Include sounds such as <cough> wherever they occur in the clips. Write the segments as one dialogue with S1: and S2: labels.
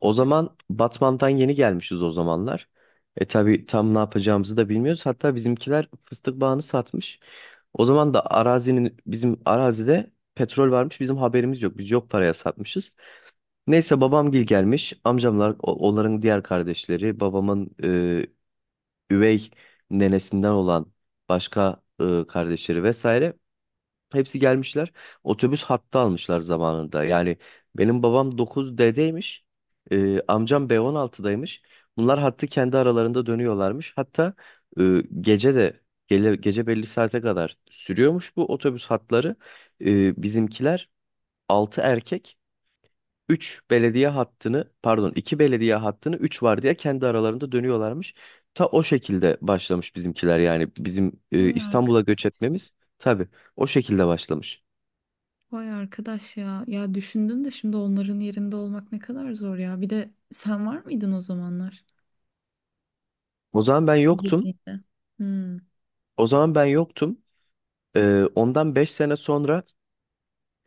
S1: O zaman Batman'dan yeni gelmişiz o zamanlar. Tabii tam ne yapacağımızı da bilmiyoruz. Hatta bizimkiler fıstık bağını satmış. O zaman da arazinin bizim arazide petrol varmış. Bizim haberimiz yok. Biz yok paraya satmışız. Neyse babamgil gelmiş. Amcamlar onların diğer kardeşleri babamın üvey nenesinden olan başka kardeşleri vesaire. Hepsi gelmişler. Otobüs hattı almışlar zamanında. Yani benim babam 9D'deymiş. Amcam B16'daymış. Bunlar hattı kendi aralarında dönüyorlarmış. Hatta gece de gece belli saate kadar sürüyormuş bu otobüs hatları. Bizimkiler 6 erkek, 3 belediye hattını, pardon, 2 belediye hattını 3 var diye kendi aralarında dönüyorlarmış. Ta o şekilde başlamış bizimkiler, yani bizim
S2: Vay
S1: İstanbul'a göç
S2: arkadaş.
S1: etmemiz tabii o şekilde başlamış.
S2: Vay arkadaş ya. Ya düşündüm de şimdi onların yerinde olmak ne kadar zor ya. Bir de sen var mıydın o zamanlar?
S1: O zaman ben yoktum.
S2: Girdiğinde. Hmm.
S1: O zaman ben yoktum. Ondan 5 sene sonra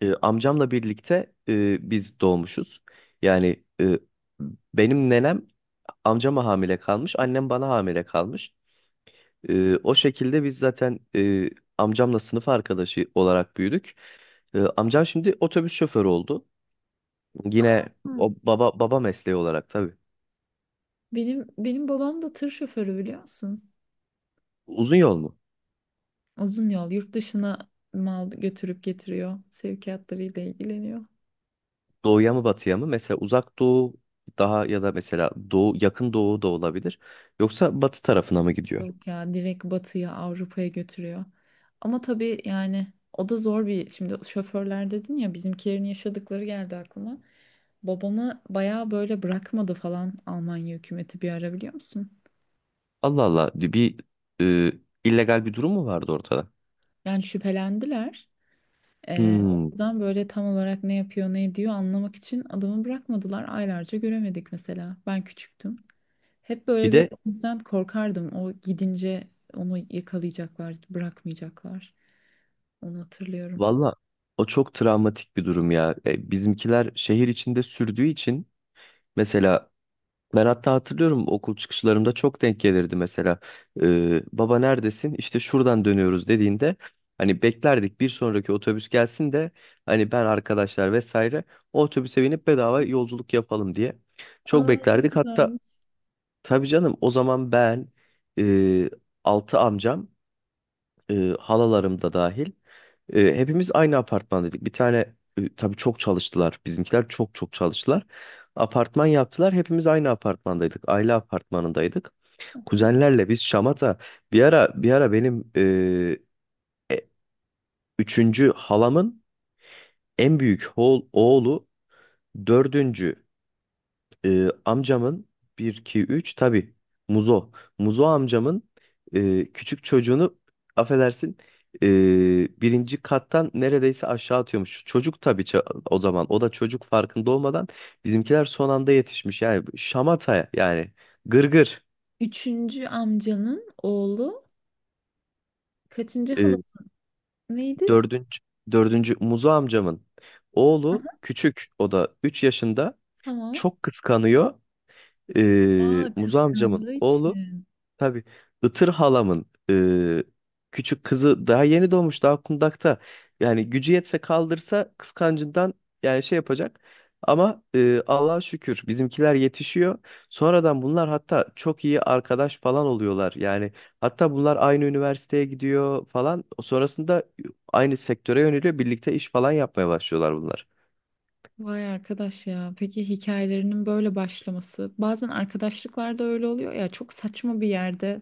S1: amcamla birlikte biz doğmuşuz. Yani benim nenem amcama hamile kalmış, annem bana hamile kalmış. O şekilde biz zaten amcamla sınıf arkadaşı olarak büyüdük. Amcam şimdi otobüs şoförü oldu. Yine
S2: Hı.
S1: o baba mesleği olarak tabii.
S2: Benim babam da tır şoförü biliyor musun?
S1: Uzun yol mu?
S2: Uzun yol yurt dışına mal götürüp getiriyor. Sevkiyatlarıyla ilgileniyor.
S1: Doğuya mı batıya mı? Mesela uzak doğu daha, ya da mesela doğu, yakın doğu da olabilir. Yoksa batı tarafına mı gidiyor?
S2: Yok ya direkt batıya Avrupa'ya götürüyor. Ama tabii yani o da zor bir şimdi şoförler dedin ya bizimkilerin yaşadıkları geldi aklıma. Babamı bayağı böyle bırakmadı falan Almanya hükümeti bir ara biliyor musun?
S1: Allah Allah, bir e, illegal bir durum mu vardı ortada?
S2: Yani şüphelendiler. O
S1: Hmm.
S2: yüzden böyle tam olarak ne yapıyor ne ediyor anlamak için adamı bırakmadılar. Aylarca göremedik mesela. Ben küçüktüm. Hep
S1: Bir
S2: böyle bir
S1: de
S2: o yüzden korkardım. O gidince onu yakalayacaklar, bırakmayacaklar. Onu hatırlıyorum.
S1: valla o çok travmatik bir durum ya. Bizimkiler şehir içinde sürdüğü için mesela ben hatta hatırlıyorum okul çıkışlarımda çok denk gelirdi mesela. Baba neredesin? İşte şuradan dönüyoruz dediğinde hani beklerdik bir sonraki otobüs gelsin de hani ben, arkadaşlar vesaire, o otobüse binip bedava yolculuk yapalım diye. Çok
S2: Aa, ne
S1: beklerdik. Hatta
S2: güzelmiş.
S1: tabii canım o zaman ben e, altı amcam, e, halalarım da dahil hepimiz aynı apartmandaydık. Bir tane tabii çok çalıştılar. Bizimkiler çok çok çalıştılar. Apartman yaptılar. Hepimiz aynı apartmandaydık. Aile apartmanındaydık.
S2: Aha.
S1: Kuzenlerle biz şamata, bir ara benim e, üçüncü halamın en büyük oğlu, dördüncü amcamın bir 2, 3 tabii Muzo. Muzo amcamın küçük çocuğunu, affedersin, e, birinci kattan neredeyse aşağı atıyormuş. Çocuk tabii o zaman o da çocuk, farkında olmadan bizimkiler son anda yetişmiş. Yani şamata, yani gırgır.
S2: Üçüncü amcanın oğlu kaçıncı
S1: E,
S2: halası neydi?
S1: dördüncü, dördüncü Muzo amcamın oğlu
S2: Aha,
S1: küçük, o da 3 yaşında
S2: tamam.
S1: çok kıskanıyor.
S2: Aa,
S1: Muzo amcamın
S2: kıskandığı
S1: oğlu
S2: için.
S1: tabii Itır halamın küçük kızı daha yeni doğmuş, daha kundakta. Yani gücü yetse kaldırsa kıskancından, yani şey yapacak. Ama Allah'a şükür bizimkiler yetişiyor. Sonradan bunlar hatta çok iyi arkadaş falan oluyorlar. Yani hatta bunlar aynı üniversiteye gidiyor falan. Sonrasında aynı sektöre yöneliyor. Birlikte iş falan yapmaya başlıyorlar bunlar.
S2: Vay arkadaş ya. Peki hikayelerinin böyle başlaması. Bazen arkadaşlıklarda öyle oluyor ya. Çok saçma bir yerde.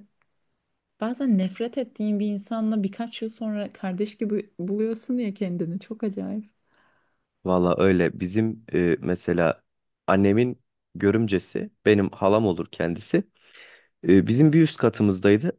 S2: Bazen nefret ettiğin bir insanla birkaç yıl sonra kardeş gibi buluyorsun ya kendini. Çok acayip.
S1: Valla öyle. Bizim mesela annemin görümcesi benim halam olur kendisi. E, bizim bir üst katımızdaydı.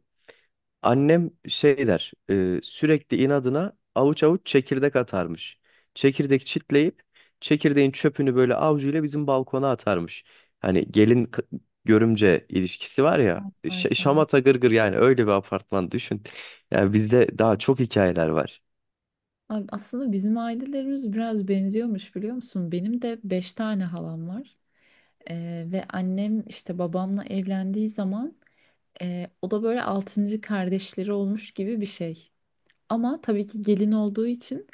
S1: Annem şey der, sürekli inadına avuç avuç çekirdek atarmış. Çekirdek çitleyip çekirdeğin çöpünü böyle avucuyla bizim balkona atarmış. Hani gelin görümce ilişkisi var ya,
S2: Ay, ay. Ay.
S1: şamata gırgır, yani öyle bir apartman düşün. Yani bizde daha çok hikayeler var.
S2: Ay, aslında bizim ailelerimiz biraz benziyormuş biliyor musun? Benim de beş tane halam var. Ve annem işte babamla evlendiği zaman o da böyle altıncı kardeşleri olmuş gibi bir şey. Ama tabii ki gelin olduğu için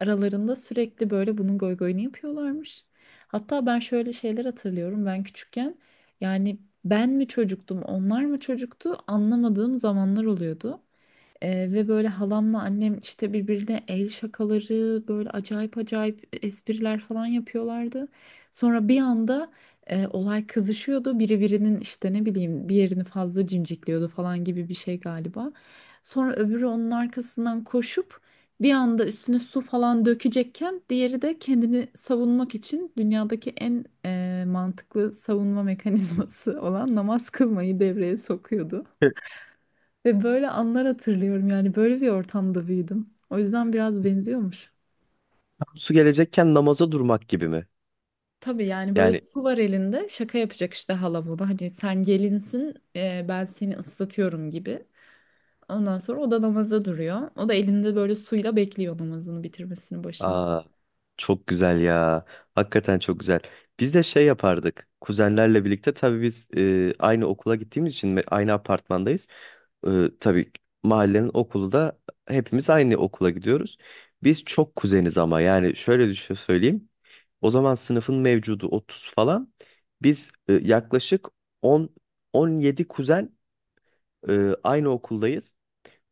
S2: aralarında sürekli böyle bunun goygoyunu yapıyorlarmış. Hatta ben şöyle şeyler hatırlıyorum ben küçükken. Yani ben mi çocuktum onlar mı çocuktu anlamadığım zamanlar oluyordu. Ve böyle halamla annem işte birbirine el şakaları böyle acayip acayip espriler falan yapıyorlardı. Sonra bir anda olay kızışıyordu. Biri birinin işte ne bileyim bir yerini fazla cimcikliyordu falan gibi bir şey galiba. Sonra öbürü onun arkasından koşup bir anda üstüne su falan dökecekken diğeri de kendini savunmak için dünyadaki en mantıklı savunma <laughs> mekanizması olan namaz kılmayı devreye sokuyordu. Ve böyle anlar hatırlıyorum yani böyle bir ortamda büyüdüm. O yüzden biraz benziyormuş.
S1: Tam su gelecekken namaza durmak gibi mi?
S2: Tabii yani böyle
S1: Yani.
S2: su var elinde şaka yapacak işte hala buna. Hani sen gelinsin, ben seni ıslatıyorum gibi. Ondan sonra o da namaza duruyor. O da elinde böyle suyla bekliyor namazını bitirmesinin başında.
S1: Aa, çok güzel ya. Hakikaten çok güzel. Biz de şey yapardık. Kuzenlerle birlikte, tabii biz aynı okula gittiğimiz için ve aynı apartmandayız. E, tabii mahallenin okulu da, hepimiz aynı okula gidiyoruz. Biz çok kuzeniz ama yani şöyle düşün söyleyeyim. O zaman sınıfın mevcudu 30 falan. Biz yaklaşık 10 17 kuzen aynı okuldayız.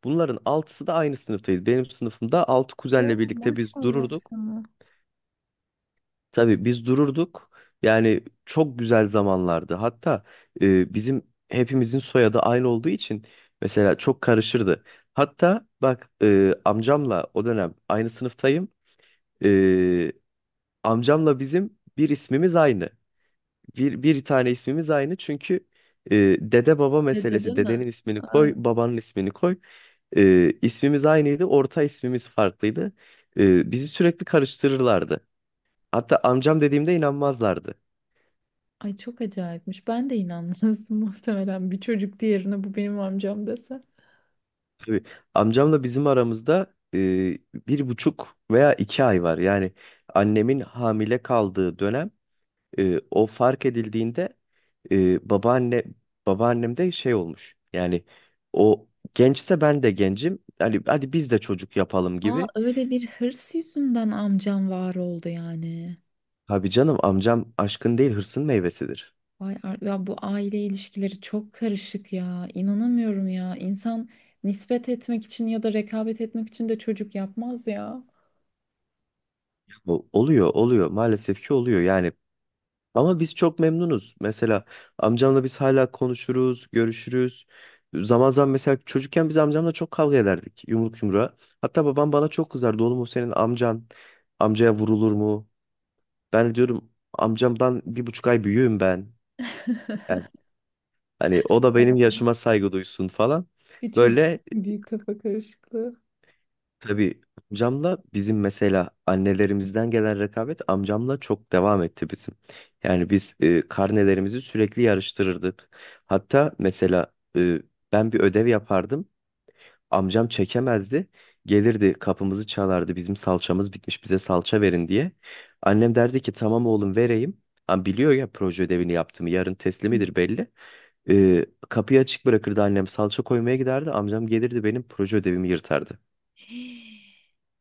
S1: Bunların altısı da aynı sınıftayız. Benim sınıfımda 6
S2: Oo,
S1: kuzenle birlikte biz
S2: maşallah
S1: dururduk.
S2: sana.
S1: Tabii biz dururduk. Yani çok güzel zamanlardı. Hatta bizim hepimizin soyadı aynı olduğu için mesela çok karışırdı. Hatta bak, amcamla o dönem aynı sınıftayım. E, Amcamla bizim bir ismimiz aynı. Bir tane ismimiz aynı, çünkü e, dede baba
S2: Dede değil
S1: meselesi.
S2: mi?
S1: Dedenin ismini
S2: Ay,
S1: koy, babanın ismini koy. E, ismimiz aynıydı, orta ismimiz farklıydı. E, bizi sürekli karıştırırlardı. Hatta amcam dediğimde inanmazlardı.
S2: ay çok acayipmiş. Ben de inanmazdım <laughs> muhtemelen bir çocuk diğerine bu benim amcam dese.
S1: Tabii. Amcamla bizim aramızda 1,5 veya 2 ay var. Yani annemin hamile kaldığı dönem, o fark edildiğinde, e, babaanne babaannem de şey olmuş. Yani o gençse ben de gencim. Hani hadi biz de çocuk yapalım
S2: Aa,
S1: gibi.
S2: öyle bir hırs yüzünden amcam var oldu yani.
S1: Abi canım, amcam aşkın değil hırsın meyvesidir.
S2: Ya bu aile ilişkileri çok karışık ya. İnanamıyorum ya. İnsan nispet etmek için ya da rekabet etmek için de çocuk yapmaz ya.
S1: Bu oluyor, oluyor, maalesef ki oluyor. Yani ama biz çok memnunuz. Mesela amcamla biz hala konuşuruz, görüşürüz. Zaman zaman. Mesela çocukken biz amcamla çok kavga ederdik yumruk yumruğa. Hatta babam bana çok kızardı. Oğlum, o senin amcan. Amcaya vurulur mu? Ben diyorum amcamdan 1,5 ay büyüğüm ben. Yani
S2: <laughs>
S1: hani o da benim yaşıma saygı duysun falan.
S2: Bir çocuk
S1: Böyle.
S2: büyük kafa karışıklığı.
S1: Tabii amcamla bizim mesela annelerimizden gelen rekabet amcamla çok devam etti bizim. Yani biz karnelerimizi sürekli yarıştırırdık. Hatta mesela ben bir ödev yapardım. Amcam çekemezdi. Gelirdi, kapımızı çalardı. Bizim salçamız bitmiş, bize salça verin diye. Annem derdi ki tamam oğlum vereyim. Ama biliyor ya proje ödevini yaptığımı, yarın teslimidir
S2: <gasps>
S1: belli. Kapıyı açık bırakırdı annem, salça koymaya giderdi. Amcam gelirdi, benim proje ödevimi yırtardı.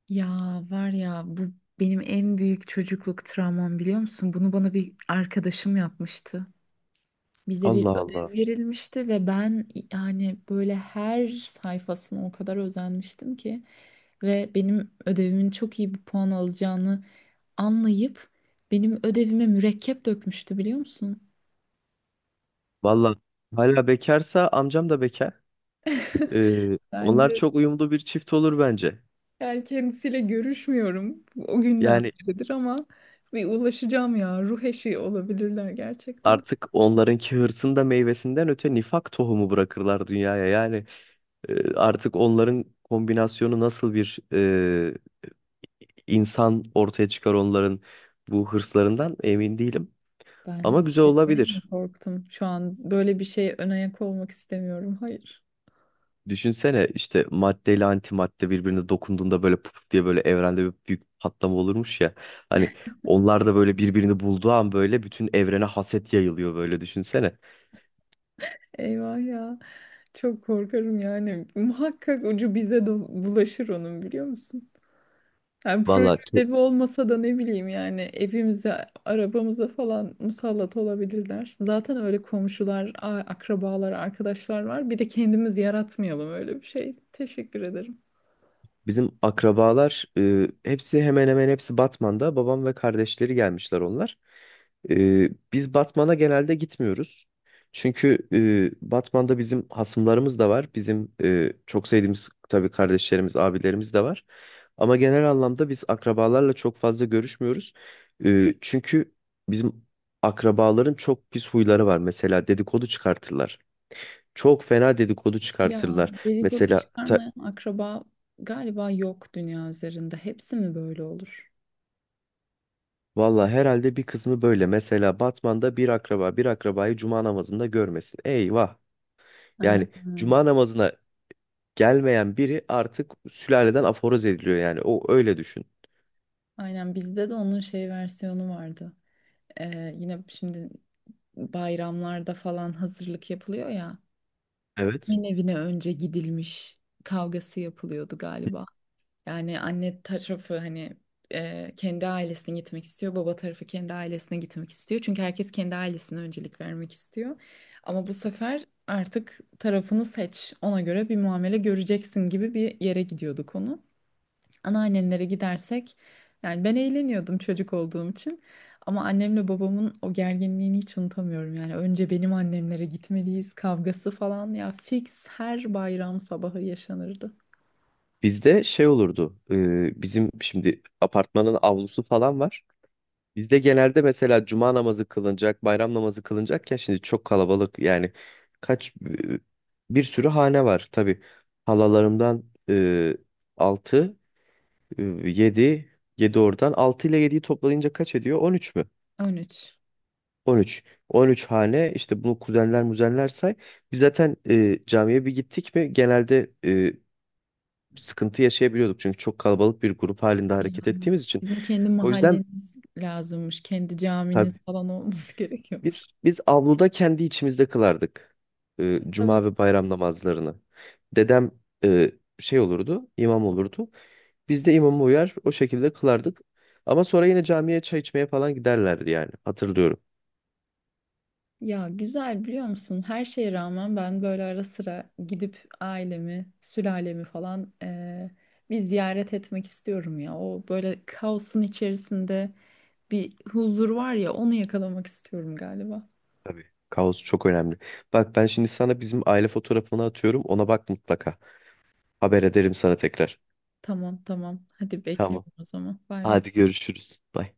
S2: Ya var ya bu benim en büyük çocukluk travmam biliyor musun? Bunu bana bir arkadaşım yapmıştı. Bize bir
S1: Allah Allah.
S2: ödev verilmişti ve ben yani böyle her sayfasına o kadar özenmiştim ki ve benim ödevimin çok iyi bir puan alacağını anlayıp benim ödevime mürekkep dökmüştü biliyor musun?
S1: Valla hala bekarsa, amcam da bekar. Onlar
S2: Bence
S1: çok uyumlu bir çift olur bence.
S2: yani kendisiyle görüşmüyorum o günden
S1: Yani
S2: beridir ama bir ulaşacağım ya. Ruh eşi olabilirler gerçekten.
S1: artık onlarınki hırsın da meyvesinden öte, nifak tohumu bırakırlar dünyaya. Yani artık onların kombinasyonu nasıl bir insan ortaya çıkar, onların bu hırslarından emin değilim.
S2: Ben
S1: Ama güzel
S2: biz öyle mi
S1: olabilir.
S2: korktum? Şu an böyle bir şey ön ayak olmak istemiyorum. Hayır.
S1: Düşünsene, işte maddeyle ile antimadde birbirine dokunduğunda böyle puf diye böyle evrende bir büyük patlama olurmuş ya. Hani onlar da böyle birbirini bulduğu an böyle bütün evrene haset yayılıyor, böyle düşünsene.
S2: Eyvah ya. Çok korkarım yani. Muhakkak ucu bize de bulaşır onun biliyor musun? Yani proje
S1: Valla
S2: ödevi olmasa da ne bileyim yani evimize, arabamıza falan musallat olabilirler. Zaten öyle komşular, akrabalar, arkadaşlar var. Bir de kendimiz yaratmayalım öyle bir şey. Teşekkür ederim.
S1: bizim akrabalar, hepsi hemen hemen hepsi Batman'da. Babam ve kardeşleri gelmişler onlar. Biz Batman'a genelde gitmiyoruz. Çünkü Batman'da bizim hasımlarımız da var. Bizim çok sevdiğimiz tabii kardeşlerimiz, abilerimiz de var. Ama genel anlamda biz akrabalarla çok fazla görüşmüyoruz. Çünkü bizim akrabaların çok pis huyları var. Mesela dedikodu çıkartırlar. Çok fena dedikodu
S2: Ya
S1: çıkartırlar.
S2: dedikodu
S1: Mesela
S2: çıkarmayan akraba galiba yok dünya üzerinde. Hepsi mi böyle olur?
S1: valla herhalde bir kısmı böyle. Mesela Batman'da bir akraba bir akrabayı cuma namazında görmesin. Eyvah.
S2: Ha,
S1: Yani
S2: ha.
S1: cuma namazına gelmeyen biri artık sülaleden aforoz ediliyor yani. O öyle düşün.
S2: Aynen bizde de onun şey versiyonu vardı. Yine şimdi bayramlarda falan hazırlık yapılıyor ya.
S1: Evet.
S2: Kimin evine önce gidilmiş kavgası yapılıyordu galiba. Yani anne tarafı hani kendi ailesine gitmek istiyor. Baba tarafı kendi ailesine gitmek istiyor. Çünkü herkes kendi ailesine öncelik vermek istiyor. Ama bu sefer artık tarafını seç. Ona göre bir muamele göreceksin gibi bir yere gidiyordu konu, anneannemlere gidersek yani ben eğleniyordum çocuk olduğum için ama annemle babamın o gerginliğini hiç unutamıyorum yani önce benim annemlere gitmeliyiz kavgası falan ya fix her bayram sabahı yaşanırdı.
S1: Bizde şey olurdu. Bizim şimdi apartmanın avlusu falan var. Bizde genelde mesela cuma namazı kılınacak, bayram namazı kılınacakken, şimdi çok kalabalık yani. Kaç bir sürü hane var tabii. Halalarımdan 6. 7, 7 oradan, 6 ile yediyi toplayınca kaç ediyor? 13 mü?
S2: 13.
S1: 13. 13 hane, işte bunu kuzenler muzenler say. Biz zaten camiye bir gittik mi genelde sıkıntı yaşayabiliyorduk, çünkü çok kalabalık bir grup halinde
S2: Ya
S1: hareket ettiğimiz için.
S2: bizim kendi
S1: O yüzden
S2: mahalleniz lazımmış, kendi
S1: tabii
S2: caminiz falan olması <laughs> gerekiyor.
S1: biz avluda kendi içimizde kılardık
S2: Tabii.
S1: cuma ve bayram namazlarını. Dedem e, şey olurdu, imam olurdu. Biz de imama uyar o şekilde kılardık. Ama sonra yine camiye çay içmeye falan giderlerdi yani, hatırlıyorum.
S2: Ya güzel biliyor musun? Her şeye rağmen ben böyle ara sıra gidip ailemi, sülalemi falan bir ziyaret etmek istiyorum ya. O böyle kaosun içerisinde bir huzur var ya onu yakalamak istiyorum galiba.
S1: Tabii. Kaos çok önemli. Bak ben şimdi sana bizim aile fotoğrafını atıyorum. Ona bak mutlaka. Haber ederim sana tekrar.
S2: Tamam tamam. Hadi
S1: Tamam.
S2: bekliyorum o zaman. Bay bay.
S1: Hadi görüşürüz. Bye.